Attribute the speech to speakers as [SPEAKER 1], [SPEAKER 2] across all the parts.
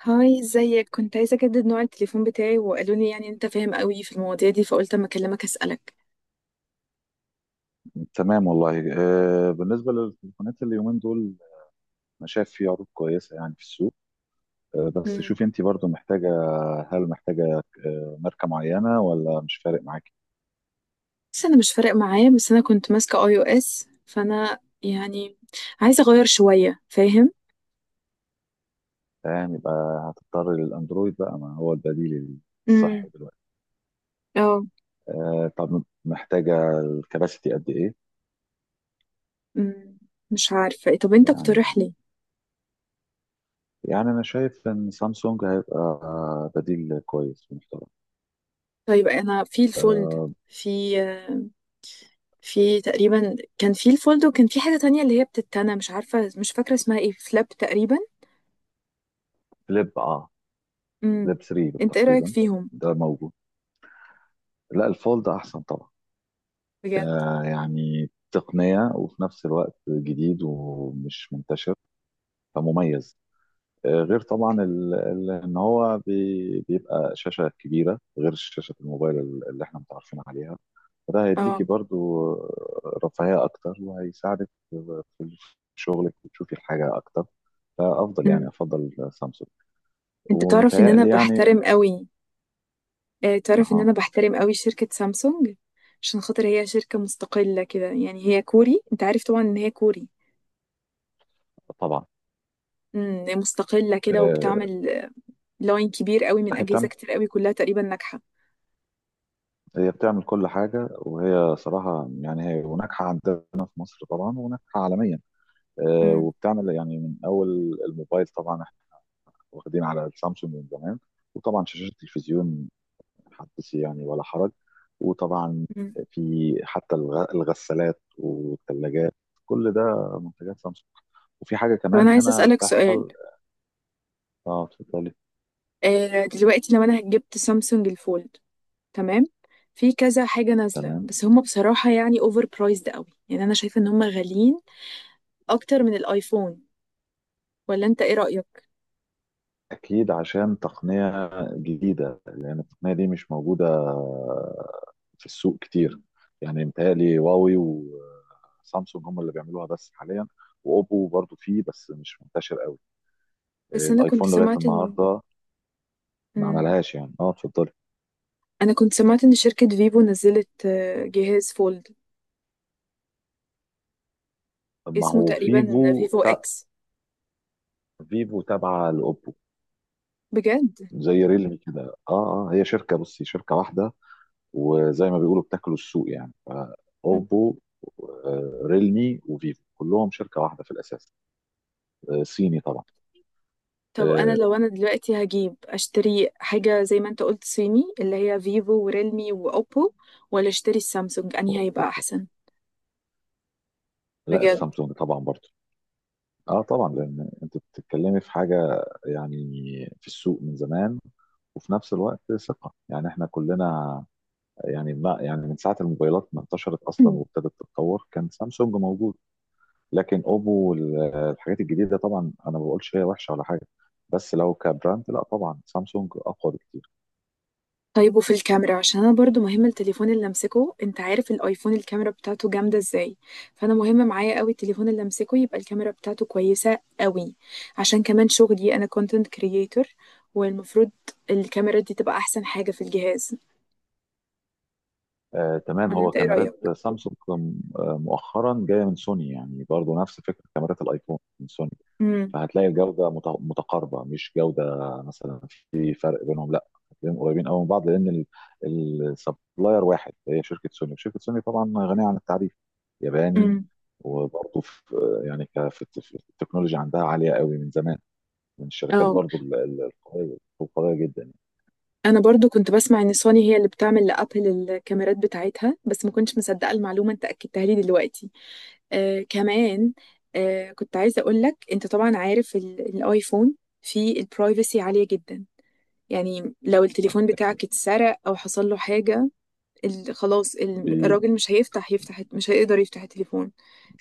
[SPEAKER 1] هاي، ازيك؟ كنت عايزة اجدد نوع التليفون بتاعي، وقالوا لي يعني انت فاهم قوي في المواضيع دي، فقلت اما اكلمك اسألك.
[SPEAKER 2] تمام والله بالنسبة للتليفونات اليومين دول، أنا شايف في عروض كويسة يعني في السوق. بس
[SPEAKER 1] مم.
[SPEAKER 2] شوفي أنت برضو محتاجة. هل محتاجة ماركة معينة ولا مش فارق معاكي؟
[SPEAKER 1] بس انا مش فارق معايا، بس انا كنت ماسكة اي او اس، فانا يعني عايزة اغير شوية، فاهم؟
[SPEAKER 2] فاهم، يبقى هتضطري للأندرويد بقى، ما هو البديل
[SPEAKER 1] امم.
[SPEAKER 2] الصحي دلوقتي.
[SPEAKER 1] اه.
[SPEAKER 2] طب محتاجة الكباسيتي قد إيه؟
[SPEAKER 1] مم. مش عارفة، طب انت
[SPEAKER 2] يعني
[SPEAKER 1] اقترح لي.
[SPEAKER 2] يعني أنا شايف إن سامسونج هيبقى بديل كويس ومحترم.
[SPEAKER 1] طيب انا في الفولد،
[SPEAKER 2] آه،
[SPEAKER 1] في تقريبا كان في الفولد، وكان في حاجة تانية اللي هي بتتنى، مش عارفة، مش فاكرة اسمها ايه، فلاب تقريبا.
[SPEAKER 2] فليب اه
[SPEAKER 1] امم.
[SPEAKER 2] فليب 3
[SPEAKER 1] انت ايه رأيك
[SPEAKER 2] تقريبا،
[SPEAKER 1] فيهم؟
[SPEAKER 2] ده موجود. لا، الفولد أحسن طبعا، ك-
[SPEAKER 1] بجد؟
[SPEAKER 2] يعني تقنية وفي نفس الوقت جديد ومش منتشر، فمميز. غير طبعا ان هو بيبقى شاشة كبيرة، غير شاشة الموبايل اللي احنا متعرفين عليها، فده هيديكي
[SPEAKER 1] اه.
[SPEAKER 2] برضو رفاهية اكتر، وهيساعدك في شغلك، وتشوفي الحاجة اكتر. فافضل يعني
[SPEAKER 1] مم.
[SPEAKER 2] افضل سامسونج.
[SPEAKER 1] انت تعرف ان انا
[SPEAKER 2] ومتهيألي
[SPEAKER 1] بحترم
[SPEAKER 2] يعني.
[SPEAKER 1] قوي. اه، تعرف ان
[SPEAKER 2] اه
[SPEAKER 1] انا بحترم قوي شركة سامسونج، عشان خاطر هي شركة مستقلة كده، يعني هي كوري، انت عارف طبعا ان هي كوري.
[SPEAKER 2] طبعا.
[SPEAKER 1] هي مستقلة كده
[SPEAKER 2] آه،
[SPEAKER 1] وبتعمل لاين كبير قوي من
[SPEAKER 2] هي
[SPEAKER 1] اجهزة
[SPEAKER 2] بتعمل
[SPEAKER 1] كتير قوي، كلها تقريبا ناجحة.
[SPEAKER 2] هي بتعمل كل حاجة، وهي صراحة يعني هي وناجحة عندنا في مصر طبعا، وناجحة عالميا.
[SPEAKER 1] امم
[SPEAKER 2] وبتعمل يعني من أول الموبايل، طبعا احنا واخدين على السامسونج من زمان، وطبعا شاشات التلفزيون حدثي يعني ولا حرج، وطبعا
[SPEAKER 1] امم
[SPEAKER 2] في حتى الغسالات والثلاجات، كل ده منتجات سامسونج. وفي حاجة
[SPEAKER 1] طب انا
[SPEAKER 2] كمان
[SPEAKER 1] عايزة
[SPEAKER 2] هنا
[SPEAKER 1] اسألك سؤال.
[SPEAKER 2] بتحصل. اه، اتفضلي.
[SPEAKER 1] اه، دلوقتي لو انا جبت سامسونج الفولد، تمام. في كذا حاجة نازلة،
[SPEAKER 2] تمام.
[SPEAKER 1] بس هم بصراحة يعني اوفر برايزد قوي، يعني انا شايفة ان هم غاليين اكتر من الايفون، ولا انت ايه رأيك؟
[SPEAKER 2] أكيد عشان تقنية جديدة، الأغنية دي مش موجودة في السوق كتير، يعني متهيألي هواوي وسامسونج هم اللي بيعملوها بس حاليا، وأوبو برضو فيه بس مش منتشر قوي.
[SPEAKER 1] بس انا كنت
[SPEAKER 2] الآيفون لغاية
[SPEAKER 1] سمعت ان.
[SPEAKER 2] النهاردة ما
[SPEAKER 1] مم.
[SPEAKER 2] عملهاش يعني. اه، اتفضلي.
[SPEAKER 1] انا كنت سمعت ان شركة فيفو نزلت جهاز فولد،
[SPEAKER 2] طب ما
[SPEAKER 1] اسمه
[SPEAKER 2] هو
[SPEAKER 1] تقريبا فيفو اكس.
[SPEAKER 2] فيفو تابعة لأوبو،
[SPEAKER 1] بجد؟
[SPEAKER 2] زي ريلمي كده. اه، اه، هي شركة، بصي شركة واحدة، وزي ما بيقولوا بتاكلوا السوق يعني.
[SPEAKER 1] مم.
[SPEAKER 2] أوبو، ريلمي، وفيفو كلهم شركة واحدة في الأساس، صيني طبعا.
[SPEAKER 1] طب انا لو دلوقتي هجيب اشتري حاجة زي ما انت قلت صيني، اللي هي فيفو وريلمي واوبو، ولا اشتري السامسونج، انهي
[SPEAKER 2] آه،
[SPEAKER 1] هيبقى احسن؟
[SPEAKER 2] لا،
[SPEAKER 1] بجد؟
[SPEAKER 2] السامسونج طبعا برضه. اه طبعا، لان انت بتتكلمي في حاجه يعني في السوق من زمان، وفي نفس الوقت ثقه، يعني احنا كلنا يعني، ما يعني من ساعه الموبايلات ما انتشرت اصلا
[SPEAKER 1] مم.
[SPEAKER 2] وابتدت تتطور كان سامسونج موجود. لكن اوبو والحاجات الجديده طبعا، انا ما بقولش هي وحشه ولا حاجه، بس لو كبراند لا، طبعا سامسونج اقوى بكتير.
[SPEAKER 1] طيب، وفي الكاميرا، عشان انا برضو مهم التليفون اللي امسكه، انت عارف الايفون الكاميرا بتاعته جامده ازاي. فانا مهم معايا قوي التليفون اللي امسكه، يبقى الكاميرا بتاعته كويسه قوي، عشان كمان شغلي انا كونتنت كرييتور، والمفروض الكاميرا دي تبقى احسن حاجه في الجهاز،
[SPEAKER 2] آه تمام.
[SPEAKER 1] ولا
[SPEAKER 2] هو
[SPEAKER 1] انت ايه
[SPEAKER 2] كاميرات
[SPEAKER 1] رايك؟
[SPEAKER 2] سامسونج مؤخرا جايه من سوني، يعني برضه نفس فكره كاميرات الايفون من سوني،
[SPEAKER 1] امم.
[SPEAKER 2] فهتلاقي الجودة متقاربة. مش جودة مثلا في فرق بينهم، لا هتلاقيهم قريبين قوي من بعض، لأن السبلاير واحد، هي شركة سوني، وشركة سوني طبعا غنية عن التعريف، ياباني.
[SPEAKER 1] امم.
[SPEAKER 2] وبرضه في يعني في في التكنولوجيا عندها عالية قوي من زمان، من الشركات
[SPEAKER 1] اه.
[SPEAKER 2] برضه القوية القوية جدا.
[SPEAKER 1] انا برضو كنت بسمع ان سوني هي اللي بتعمل لابل الكاميرات بتاعتها، بس ما كنتش مصدقه المعلومه، انت اكدتها لي دلوقتي. آه كمان. آه، كنت عايزة أقول لك، أنت طبعا عارف الآيفون فيه البرايفسي عالية جدا، يعني لو
[SPEAKER 2] يعني
[SPEAKER 1] التليفون
[SPEAKER 2] أكيد.
[SPEAKER 1] بتاعك اتسرق أو حصل له حاجة، خلاص،
[SPEAKER 2] بي-
[SPEAKER 1] الراجل مش يفتح، مش هيقدر يفتح التليفون.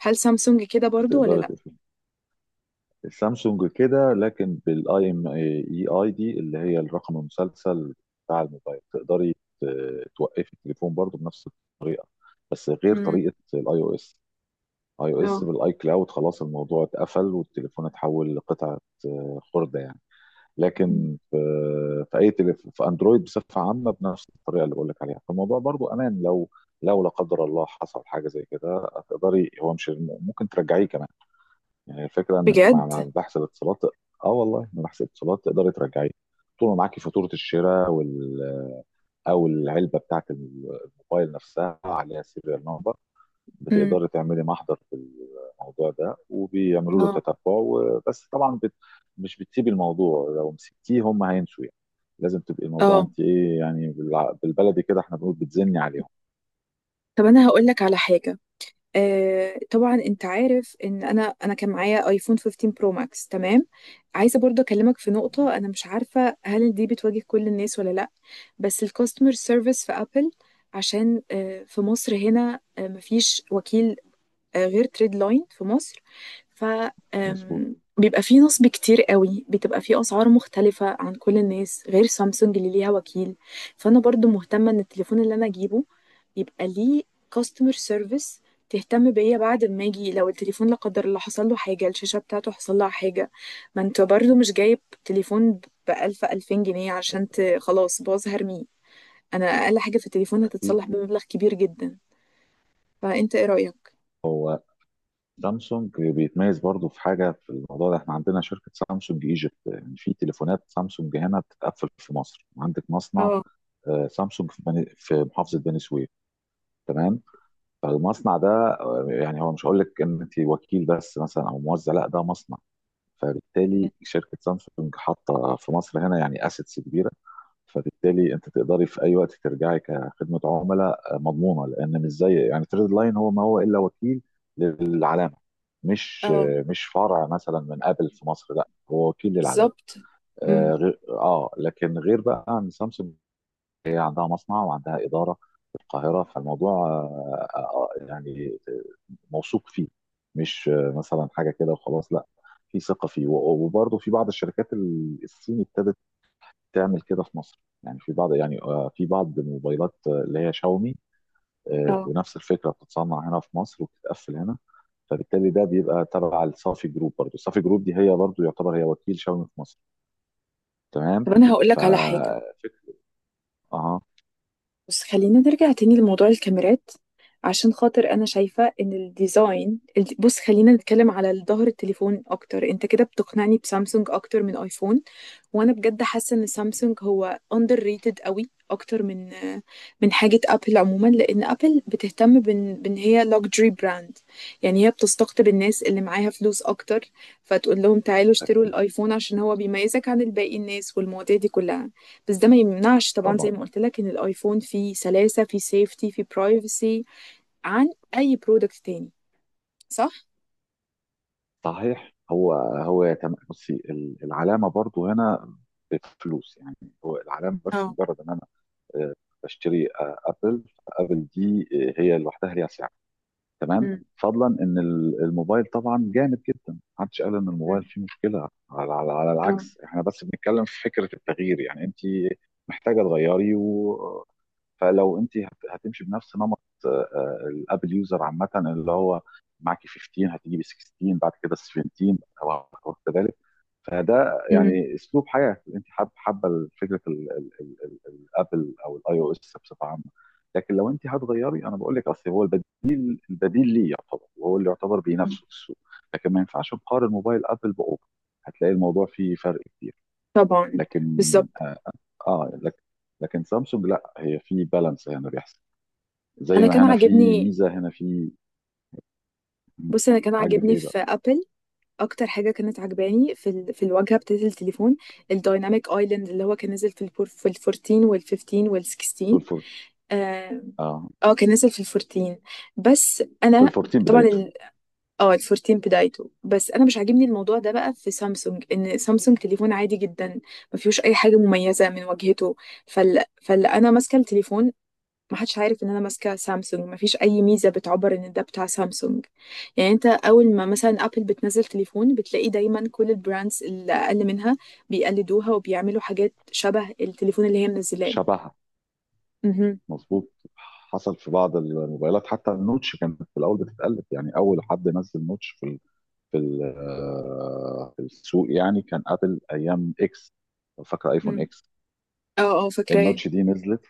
[SPEAKER 1] هل سامسونج كده برضو ولا
[SPEAKER 2] بتقدر
[SPEAKER 1] لأ؟
[SPEAKER 2] تقفل السامسونج كده، لكن بالاي ام اي اي دي اللي هي الرقم المسلسل بتاع الموبايل، تقدري توقفي التليفون برضه بنفس، بس غير
[SPEAKER 1] امم.
[SPEAKER 2] طريقه الاي او اس. اي او اس
[SPEAKER 1] اه.
[SPEAKER 2] بالاي كلاود خلاص الموضوع اتقفل، والتليفون اتحول لقطعه خرده يعني.
[SPEAKER 1] مم.
[SPEAKER 2] لكن في، في اي تليفون في اندرويد بصفه عامه بنفس الطريقه اللي بقول لك عليها، فالموضوع برضو امان. لو لا قدر الله حصل حاجه زي كده، هتقدري، هو مش ممكن ترجعيه كمان؟ يعني الفكره انك مع
[SPEAKER 1] بجد؟
[SPEAKER 2] مع بحث الاتصالات. اه والله، مع بحث الاتصالات تقدري ترجعيه، طول ما معاكي فاتوره الشراء او العلبه بتاعت الموبايل نفسها، عليها سيريال نمبر،
[SPEAKER 1] امم.
[SPEAKER 2] بتقدري تعملي محضر في الموضوع ده وبيعملوا له
[SPEAKER 1] اه.
[SPEAKER 2] تتبع. بس طبعا مش بتسيبي الموضوع، لو مسكتيه هم هينسوا يعني، لازم تبقي الموضوع
[SPEAKER 1] اه،
[SPEAKER 2] انت ايه يعني، بالبلدي كده احنا بنقول بتزني عليهم.
[SPEAKER 1] طب أنا هقول لك على حاجة. آه، طبعا انت عارف ان انا كان معايا ايفون 15 برو ماكس، تمام. عايزه برضه اكلمك في نقطه، انا مش عارفه هل دي بتواجه كل الناس ولا لا. بس الكاستمر سيرفيس في ابل، عشان في مصر هنا مفيش وكيل غير تريد لاين في مصر. ف
[SPEAKER 2] مظبوط.
[SPEAKER 1] آم، بيبقى فيه نصب كتير قوي، بتبقى فيه اسعار مختلفه عن كل الناس، غير سامسونج اللي ليها وكيل. فانا برضو مهتمه ان التليفون اللي انا اجيبه يبقى ليه كاستمر سيرفيس تهتم بيا بعد ما اجي، لو التليفون لا قدر الله حصل له حاجه، الشاشه بتاعته حصل لها حاجه. ما انت برضو مش جايب تليفون بألف ألفين جنيه، عشان خلاص باظ هرميه. انا اقل حاجه في التليفون
[SPEAKER 2] اكيد.
[SPEAKER 1] هتتصلح بمبلغ كبير جدا. فانت ايه رأيك؟
[SPEAKER 2] هو سامسونج بيتميز برضو في حاجه في الموضوع ده، احنا عندنا شركه سامسونج ايجيبت، يعني في تليفونات سامسونج هنا بتتقفل في مصر، عندك مصنع
[SPEAKER 1] اه.
[SPEAKER 2] سامسونج في محافظه بني سويف، تمام؟ فالمصنع ده يعني هو مش هقول لك ان انت وكيل بس مثلا او موزع، لا ده مصنع. فبالتالي شركه سامسونج حاطه في مصر هنا يعني اسيتس كبيره، فبالتالي انت تقدري في اي وقت ترجعي كخدمه عملاء مضمونه. لان مش زي يعني تريد لاين، هو ما هو الا وكيل للعلامه،
[SPEAKER 1] اه.
[SPEAKER 2] مش فرع مثلا من ابل في مصر، لا هو وكيل للعلامه.
[SPEAKER 1] بالظبط.
[SPEAKER 2] اه.
[SPEAKER 1] امم.
[SPEAKER 2] لكن غير بقى عن سامسونج، هي عندها مصنع وعندها إدارة في القاهرة، فالموضوع يعني موثوق فيه، مش مثلا حاجة كده وخلاص، لا في ثقة فيه. وبرضه في بعض الشركات الصيني ابتدت تعمل كده في مصر، يعني في بعض يعني في بعض الموبايلات اللي هي شاومي،
[SPEAKER 1] اه.
[SPEAKER 2] بنفس الفكرة بتتصنع هنا في مصر وبتتقفل هنا، فبالتالي ده بيبقى تبع الصافي جروب برضه، الصافي جروب دي هي برضه يعتبر هي وكيل شاومي في مصر، تمام؟
[SPEAKER 1] طب انا هقول لك على حاجه،
[SPEAKER 2] ففكرة. اه.
[SPEAKER 1] بس خلينا نرجع تاني لموضوع الكاميرات، عشان خاطر انا شايفة ان الديزاين بص خلينا نتكلم على ظهر التليفون اكتر، انت كده بتقنعني بسامسونج اكتر من ايفون. وانا بجد حاسه ان سامسونج هو اندر ريتد قوي اكتر من حاجه ابل عموما، لان ابل بتهتم بان هي لوكسجري براند، يعني هي بتستقطب الناس اللي معاها فلوس اكتر، فتقول لهم تعالوا اشتروا
[SPEAKER 2] اكيد
[SPEAKER 1] الايفون عشان هو بيميزك عن الباقي الناس، والمواضيع دي كلها. بس ده ما يمنعش طبعا، زي
[SPEAKER 2] طبعا.
[SPEAKER 1] ما قلت لك ان الايفون فيه سلاسه، فيه سيفتي، فيه برايفسي عن اي برودكت تاني، صح؟
[SPEAKER 2] صحيح. بصي العلامه برضو هنا بفلوس يعني، هو العلامه بس،
[SPEAKER 1] اه.
[SPEAKER 2] مجرد ان انا آه، بشتري ابل، ابل دي هي لوحدها ليها سعر، تمام؟
[SPEAKER 1] أم،
[SPEAKER 2] فضلا ان الموبايل طبعا جامد جدا، محدش قال ان الموبايل
[SPEAKER 1] أم،
[SPEAKER 2] فيه مشكله، على, على
[SPEAKER 1] اه.
[SPEAKER 2] العكس، احنا بس بنتكلم في فكره التغيير، يعني انت محتاجه تغيري، و... فلو انت هتمشي بنفس نمط آه، الابل يوزر عامه، اللي هو معاكي 15 هتجيبي 16، بعد كده 17، وكذلك، فده
[SPEAKER 1] أم،
[SPEAKER 2] يعني اسلوب حياه، انت حابه، فكره الابل او الاي او اس بصفه عامه. لكن لو انت هتغيري، انا بقول لك اصل هو البديل، ليه يعتبر، وهو اللي يعتبر
[SPEAKER 1] أم.
[SPEAKER 2] بينافسه في السوق، لكن ما ينفعش نقارن موبايل ابل باوبو، هتلاقي الموضوع فيه فرق كبير.
[SPEAKER 1] طبعا.
[SPEAKER 2] لكن
[SPEAKER 1] بالظبط،
[SPEAKER 2] اه, آه لكن لكن سامسونج لا، هي في بالانس، هنا بيحصل زي
[SPEAKER 1] انا
[SPEAKER 2] ما
[SPEAKER 1] كان
[SPEAKER 2] هنا في
[SPEAKER 1] عاجبني.
[SPEAKER 2] ميزه هنا في. مم.
[SPEAKER 1] بصي، انا كان
[SPEAKER 2] عاجبك
[SPEAKER 1] عاجبني
[SPEAKER 2] ايه بقى؟
[SPEAKER 1] في ابل، اكتر حاجه كانت عجباني في الواجهه بتاعت التليفون، الدايناميك ايلاند اللي هو كان نزل في الفورتين والفيفتين
[SPEAKER 2] في
[SPEAKER 1] والسكستين.
[SPEAKER 2] الفور
[SPEAKER 1] اه.
[SPEAKER 2] اه
[SPEAKER 1] آه، كان نزل في الفورتين. بس
[SPEAKER 2] في
[SPEAKER 1] انا
[SPEAKER 2] الفورتين
[SPEAKER 1] طبعا
[SPEAKER 2] بدايته.
[SPEAKER 1] اه، الفورتين بدايته، بس انا مش عاجبني الموضوع ده بقى في سامسونج، ان سامسونج تليفون عادي جدا، ما فيهوش اي حاجه مميزه من واجهته. فال... فال انا ماسكه التليفون، ما حدش عارف ان انا ماسكه سامسونج، ما فيش اي ميزه بتعبر ان ده بتاع سامسونج. يعني انت اول ما مثلا ابل بتنزل تليفون بتلاقي دايما كل البراندز اللي اقل منها بيقلدوها، وبيعملوا حاجات شبه التليفون اللي هي منزلاه.
[SPEAKER 2] شبهها.
[SPEAKER 1] مهم.
[SPEAKER 2] مظبوط. حصل في بعض الموبايلات، حتى النوتش كانت في الاول بتتقلب، يعني اول حد نزل نوتش في في السوق يعني، كان ابل ايام اكس، لو فاكره ايفون
[SPEAKER 1] مم.
[SPEAKER 2] اكس.
[SPEAKER 1] اه. اه، فاكراه.
[SPEAKER 2] النوتش دي نزلت،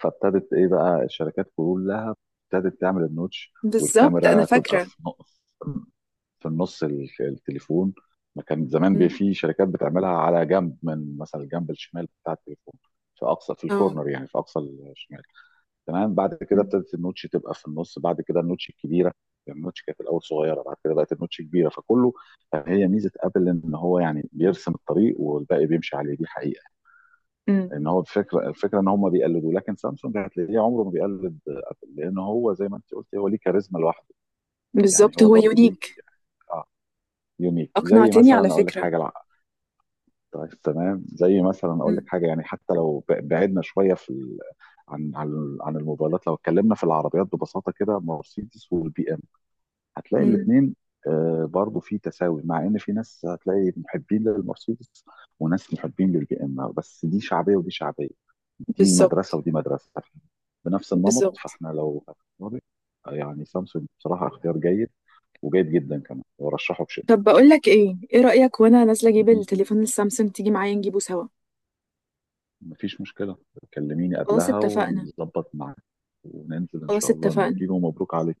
[SPEAKER 2] فابتدت ايه بقى الشركات كلها، ابتدت تعمل النوتش،
[SPEAKER 1] بالظبط، انا
[SPEAKER 2] والكاميرا تبقى
[SPEAKER 1] فاكره.
[SPEAKER 2] في نقص، في النص التليفون، ما كان زمان
[SPEAKER 1] مم.
[SPEAKER 2] في شركات بتعملها على جنب، من مثلا الجنب الشمال بتاع التليفون، في اقصى، في
[SPEAKER 1] اه.
[SPEAKER 2] الكورنر يعني في اقصى الشمال، تمام. بعد كده
[SPEAKER 1] مم.
[SPEAKER 2] ابتدت النوتش تبقى في النص، بعد كده النوتش الكبيره، يعني النوتش كانت الاول صغيره، بعد كده بقت النوتش كبيره، فكله. هي ميزه ابل، ان هو يعني بيرسم الطريق والباقي بيمشي عليه، دي حقيقه.
[SPEAKER 1] مم.
[SPEAKER 2] ان هو الفكره، ان هم بيقلدوا. لكن سامسونج هتلاقيه عمره ما بيقلد ابل، لان هو زي ما انت قلت، هو ليه كاريزما لوحده، يعني
[SPEAKER 1] بالظبط،
[SPEAKER 2] هو
[SPEAKER 1] هو
[SPEAKER 2] برضو ليه،
[SPEAKER 1] يونيك.
[SPEAKER 2] اه، يونيك، زي
[SPEAKER 1] اقنعتني على
[SPEAKER 2] مثلا اقول لك
[SPEAKER 1] فكره.
[SPEAKER 2] حاجه. طيب تمام، زي مثلا اقول لك
[SPEAKER 1] مم.
[SPEAKER 2] حاجه يعني، حتى لو بعدنا شويه في ال... عن الموبايلات، لو اتكلمنا في العربيات ببساطه كده، مرسيدس والبي ام، هتلاقي
[SPEAKER 1] مم.
[SPEAKER 2] الاثنين برضو في تساوي، مع ان في ناس هتلاقي محبين للمرسيدس، وناس محبين للبي ام، بس دي شعبيه ودي شعبيه، دي مدرسه
[SPEAKER 1] بالظبط.
[SPEAKER 2] ودي مدرسه، بنفس النمط.
[SPEAKER 1] بالظبط.
[SPEAKER 2] فاحنا لو هنختار، يعني سامسونج بصراحه اختيار جيد، وجيد جدا كمان، ورشحه بشده.
[SPEAKER 1] طب بقول لك ايه، ايه رايك وانا نازله اجيب التليفون السامسونج تيجي معايا نجيبه سوا؟
[SPEAKER 2] مفيش مشكلة، كلميني
[SPEAKER 1] خلاص
[SPEAKER 2] قبلها
[SPEAKER 1] اتفقنا.
[SPEAKER 2] ونظبط معاك، وننزل إن
[SPEAKER 1] خلاص
[SPEAKER 2] شاء الله
[SPEAKER 1] اتفقنا.
[SPEAKER 2] نجيبه، مبروك عليك.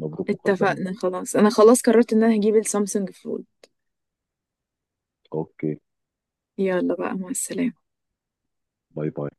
[SPEAKER 2] مبروك مقدما بقى.
[SPEAKER 1] اتفقنا. خلاص، انا خلاص قررت ان انا هجيب السامسونج فول.
[SPEAKER 2] أوكي.
[SPEAKER 1] يلا بقى، مع السلامة.
[SPEAKER 2] باي باي.